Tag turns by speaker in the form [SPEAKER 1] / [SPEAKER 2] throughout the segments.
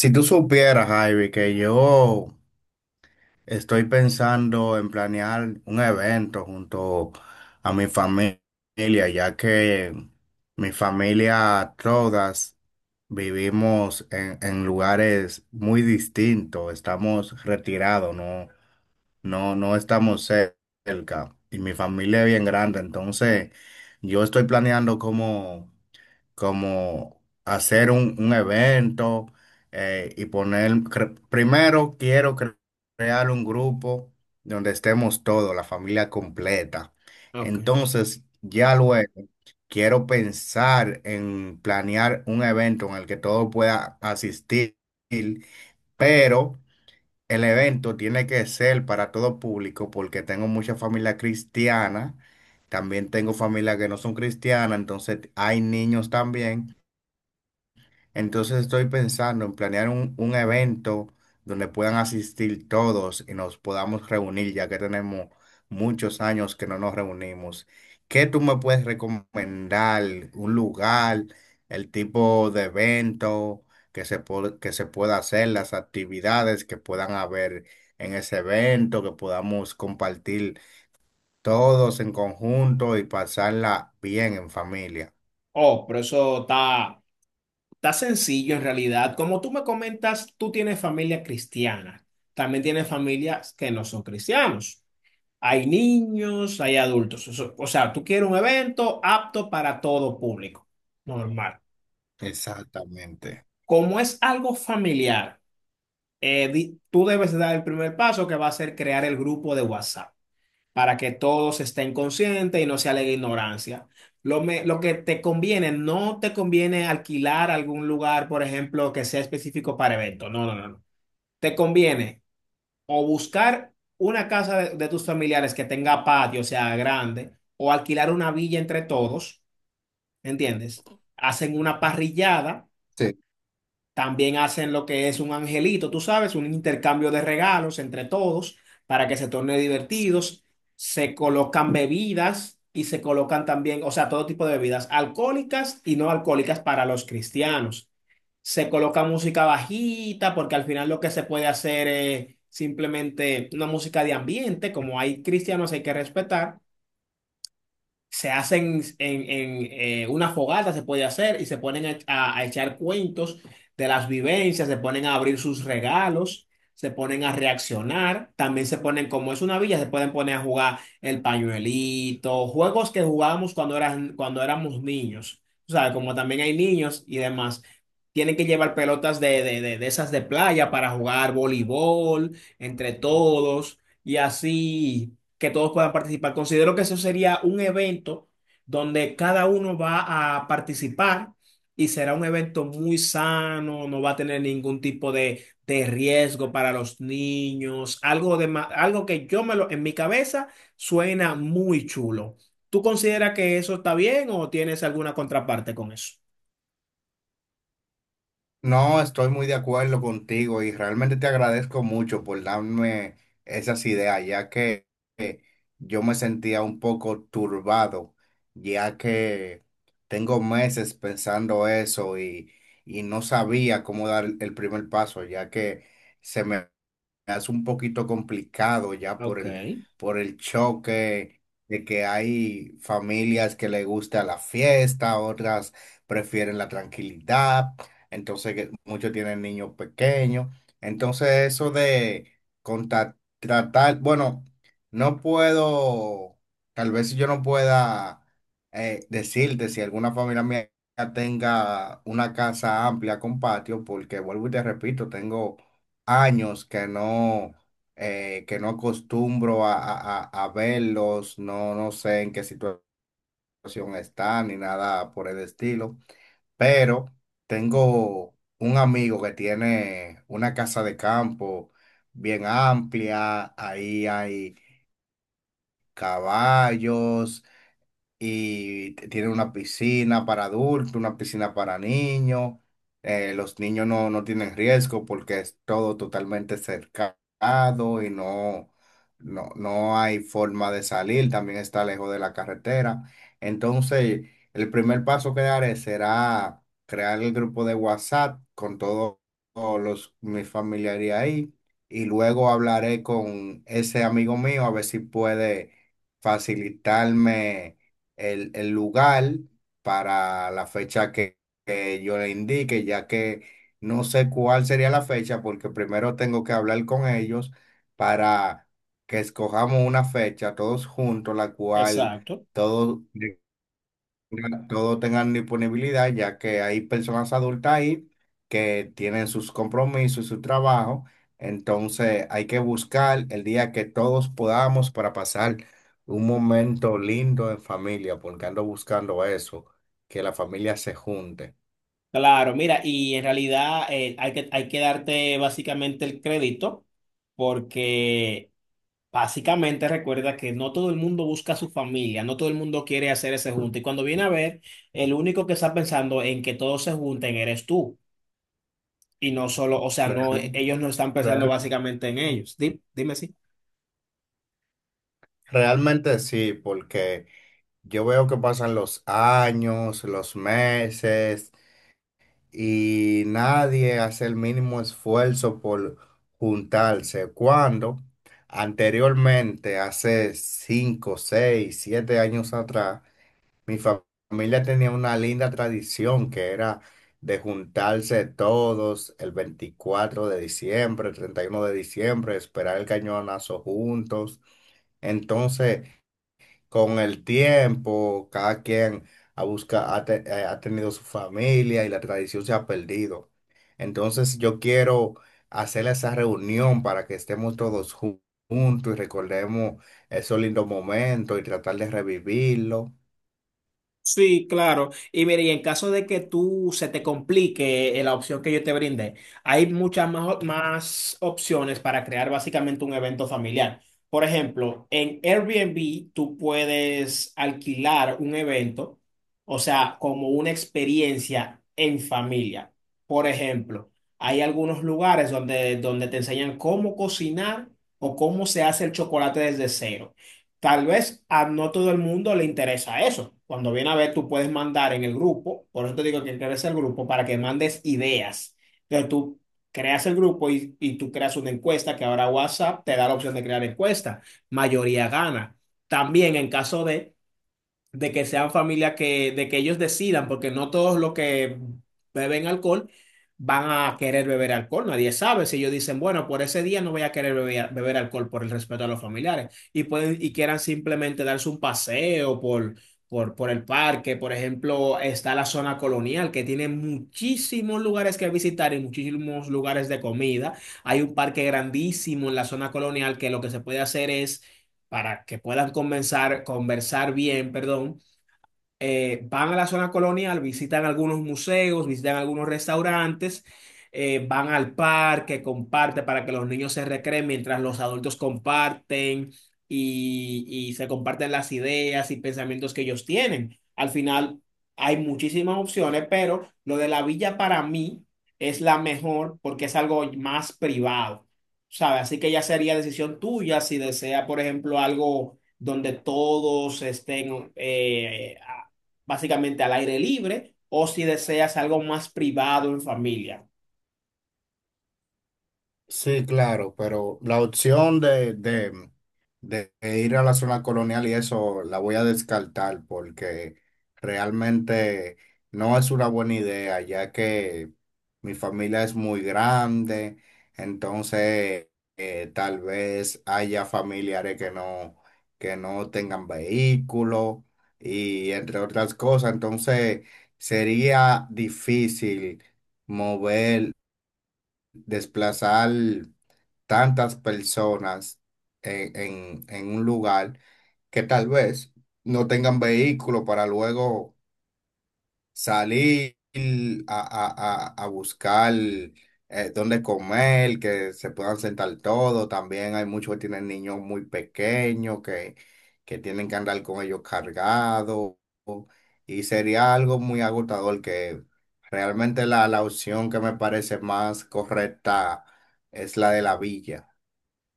[SPEAKER 1] Si tú supieras, Javi, que yo estoy pensando en planear un evento junto a mi familia, ya que mi familia todas vivimos en lugares muy distintos, estamos retirados, no, no, no estamos cerca. Y mi familia es bien grande, entonces yo estoy planeando como hacer un evento y poner, primero quiero crear un grupo donde estemos todos, la familia completa.
[SPEAKER 2] Ok.
[SPEAKER 1] Entonces, ya luego quiero pensar en planear un evento en el que todo pueda asistir, pero el evento tiene que ser para todo público porque tengo mucha familia cristiana. También tengo familia que no son cristianas, entonces hay niños también. Entonces estoy pensando en planear un evento donde puedan asistir todos y nos podamos reunir, ya que tenemos muchos años que no nos reunimos. ¿Qué tú me puedes recomendar? ¿Un lugar, el tipo de evento que que se pueda hacer, las actividades que puedan haber en ese evento, que podamos compartir todos en conjunto y pasarla bien en familia?
[SPEAKER 2] Oh, pero eso está, está sencillo en realidad. Como tú me comentas, tú tienes familia cristiana. También tienes familias que no son cristianos. Hay niños, hay adultos. O sea, tú quieres un evento apto para todo público. Normal.
[SPEAKER 1] Exactamente.
[SPEAKER 2] Como es algo familiar, tú debes dar el primer paso que va a ser crear el grupo de WhatsApp, para que todos estén conscientes y no se alegue ignorancia. Lo que te conviene, no te conviene alquilar algún lugar, por ejemplo, que sea específico para eventos. No, no, no, no. Te conviene o buscar una casa de tus familiares que tenga patio, o sea, grande, o alquilar una villa entre todos, ¿entiendes? Hacen una parrillada,
[SPEAKER 1] Sí.
[SPEAKER 2] también hacen lo que es un angelito, tú sabes, un intercambio de regalos entre todos para que se torne divertidos. Se colocan bebidas y se colocan también, o sea, todo tipo de bebidas alcohólicas y no alcohólicas para los cristianos. Se coloca música bajita porque al final lo que se puede hacer es simplemente una música de ambiente, como hay cristianos hay que respetar. Se hacen una fogata, se puede hacer, y se ponen a, a echar cuentos de las vivencias, se ponen a abrir sus regalos, se ponen a reaccionar, también se ponen, como es una villa, se pueden poner a jugar el pañuelito, juegos que jugábamos cuando eran, cuando éramos niños, o sea, como también hay niños y demás. Tienen que llevar pelotas de esas de playa para jugar voleibol entre todos, y así que todos puedan participar. Considero que eso sería un evento donde cada uno va a participar y será un evento muy sano, no va a tener ningún tipo de riesgo para los niños, algo de, algo que yo me lo, en mi cabeza suena muy chulo. ¿Tú consideras que eso está bien o tienes alguna contraparte con eso?
[SPEAKER 1] No, estoy muy de acuerdo contigo y realmente te agradezco mucho por darme esas ideas, ya que eh, yo me sentía un poco turbado, ya que tengo meses pensando eso y no sabía cómo dar el primer paso, ya que se me hace un poquito complicado ya por
[SPEAKER 2] Ok,
[SPEAKER 1] por el choque de que hay familias que le gusta la fiesta, otras prefieren la tranquilidad, entonces que muchos tienen niños pequeños, entonces eso de tratar, bueno, no puedo, tal vez si yo no pueda decirte si alguna familia mía tenga una casa amplia con patio, porque vuelvo y te repito, tengo años que no acostumbro a verlos, no, no sé en qué situación están ni nada por el estilo, pero tengo un amigo que tiene una casa de campo bien amplia, ahí hay caballos y tienen una piscina para adultos, una piscina para niños. Los niños no, no tienen riesgo porque es todo totalmente cercado y no, no, no hay forma de salir, también está lejos de la carretera. Entonces, el primer paso que daré será crear el grupo de WhatsApp con todos mis familiares ahí y luego hablaré con ese amigo mío a ver si puede facilitarme el lugar para la fecha que yo le indique, ya que no sé cuál sería la fecha, porque primero tengo que hablar con ellos para que escojamos una fecha todos juntos, la cual
[SPEAKER 2] exacto.
[SPEAKER 1] todos todos tengan disponibilidad, ya que hay personas adultas ahí que tienen sus compromisos, su trabajo, entonces hay que buscar el día que todos podamos para pasar un momento lindo en familia, porque ando buscando eso, que la familia se junte.
[SPEAKER 2] Claro, mira, y en realidad hay que darte básicamente el crédito porque básicamente recuerda que no todo el mundo busca a su familia, no todo el mundo quiere hacer ese junte. Y cuando viene a ver, el único que está pensando en que todos se junten eres tú. Y no solo, o sea, no,
[SPEAKER 1] Real-
[SPEAKER 2] ellos no están pensando
[SPEAKER 1] real-
[SPEAKER 2] básicamente en ellos. Dime, si
[SPEAKER 1] realmente sí, porque yo veo que pasan los años, los meses, y nadie hace el mínimo esfuerzo por juntarse, cuando anteriormente, hace cinco, seis, siete años atrás, mi fa- familia tenía una linda tradición que era de juntarse todos el 24 de diciembre, el 31 de diciembre, esperar el cañonazo juntos. Entonces, con el tiempo, cada quien ha, busca, ha, te- ha tenido su familia y la tradición se ha perdido. Entonces yo quiero hacer esa reunión para que estemos juntos y recordemos esos lindos momentos y tratar de revivirlo.
[SPEAKER 2] sí, claro. Y mire, y en caso de que tú se te complique la opción que yo te brindé, hay muchas más, más opciones para crear básicamente un evento familiar. Por ejemplo, en Airbnb tú puedes alquilar un evento, o sea, como una experiencia en familia. Por ejemplo, hay algunos lugares donde te enseñan cómo cocinar o cómo se hace el chocolate desde cero. Tal vez a no todo el mundo le interesa eso. Cuando viene a ver, tú puedes mandar en el grupo, por eso te digo que crees el grupo, para que mandes ideas. Entonces tú creas el grupo y tú creas una encuesta que ahora WhatsApp te da la opción de crear encuesta. Mayoría gana. También en caso de que sean familias que, de que ellos decidan, porque no todos los que beben alcohol van a querer beber alcohol. Nadie sabe si ellos dicen, bueno, por ese día no voy a querer beber, beber alcohol por el respeto a los familiares. Y pueden, y quieran simplemente darse un paseo por el parque. Por ejemplo, está la zona colonial, que tiene muchísimos lugares que visitar y muchísimos lugares de comida. Hay un parque grandísimo en la zona colonial que lo que se puede hacer es para que puedan conversar bien, perdón, van a la zona colonial, visitan algunos museos, visitan algunos restaurantes, van al parque, comparte para que los niños se recreen mientras los adultos comparten y se comparten las ideas y pensamientos que ellos tienen. Al final hay muchísimas opciones, pero lo de la villa para mí es la mejor porque es algo más privado. ¿Sabes? Así que ya sería decisión tuya si desea, por ejemplo, algo donde todos estén básicamente al aire libre, o si deseas algo más privado en familia.
[SPEAKER 1] Sí, claro, pero la opción de ir a la zona colonial y eso la voy a descartar porque realmente no es una buena idea, ya que mi familia es muy grande, entonces tal vez haya familiares que no tengan vehículo y entre otras cosas, entonces sería difícil mover, desplazar tantas personas en, en un lugar que tal vez no tengan vehículo para luego salir a buscar dónde comer, que se puedan sentar todos. También hay muchos que tienen niños muy pequeños que tienen que andar con ellos cargados. Y sería algo muy agotador que realmente la opción que me parece más correcta es la de la villa.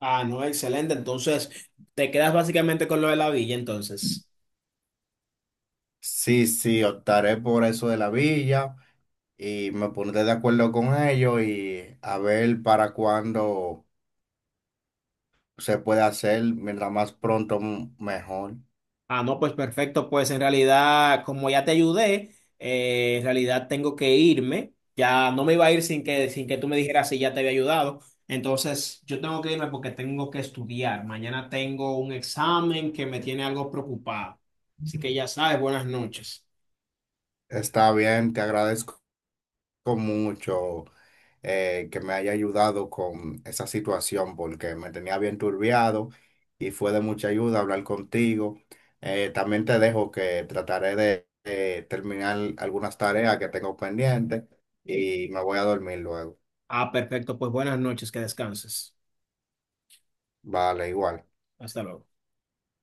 [SPEAKER 2] Ah, no, excelente. Entonces, te quedas básicamente con lo de la villa, entonces.
[SPEAKER 1] Sí, sí, optaré por eso de la villa y me pondré de acuerdo con ellos y a ver para cuándo se puede hacer, mientras más pronto mejor.
[SPEAKER 2] Ah, no, pues perfecto. Pues en realidad, como ya te ayudé, en realidad tengo que irme. Ya no me iba a ir sin que tú me dijeras si ya te había ayudado. Entonces, yo tengo que irme porque tengo que estudiar. Mañana tengo un examen que me tiene algo preocupado. Así que ya sabes, buenas noches.
[SPEAKER 1] Está bien, te agradezco mucho que me haya ayudado con esa situación porque me tenía bien turbiado y fue de mucha ayuda hablar contigo. También te dejo que trataré de terminar algunas tareas que tengo pendientes y me voy a dormir luego.
[SPEAKER 2] Ah, perfecto. Pues buenas noches, que descanses.
[SPEAKER 1] Vale, igual.
[SPEAKER 2] Hasta luego.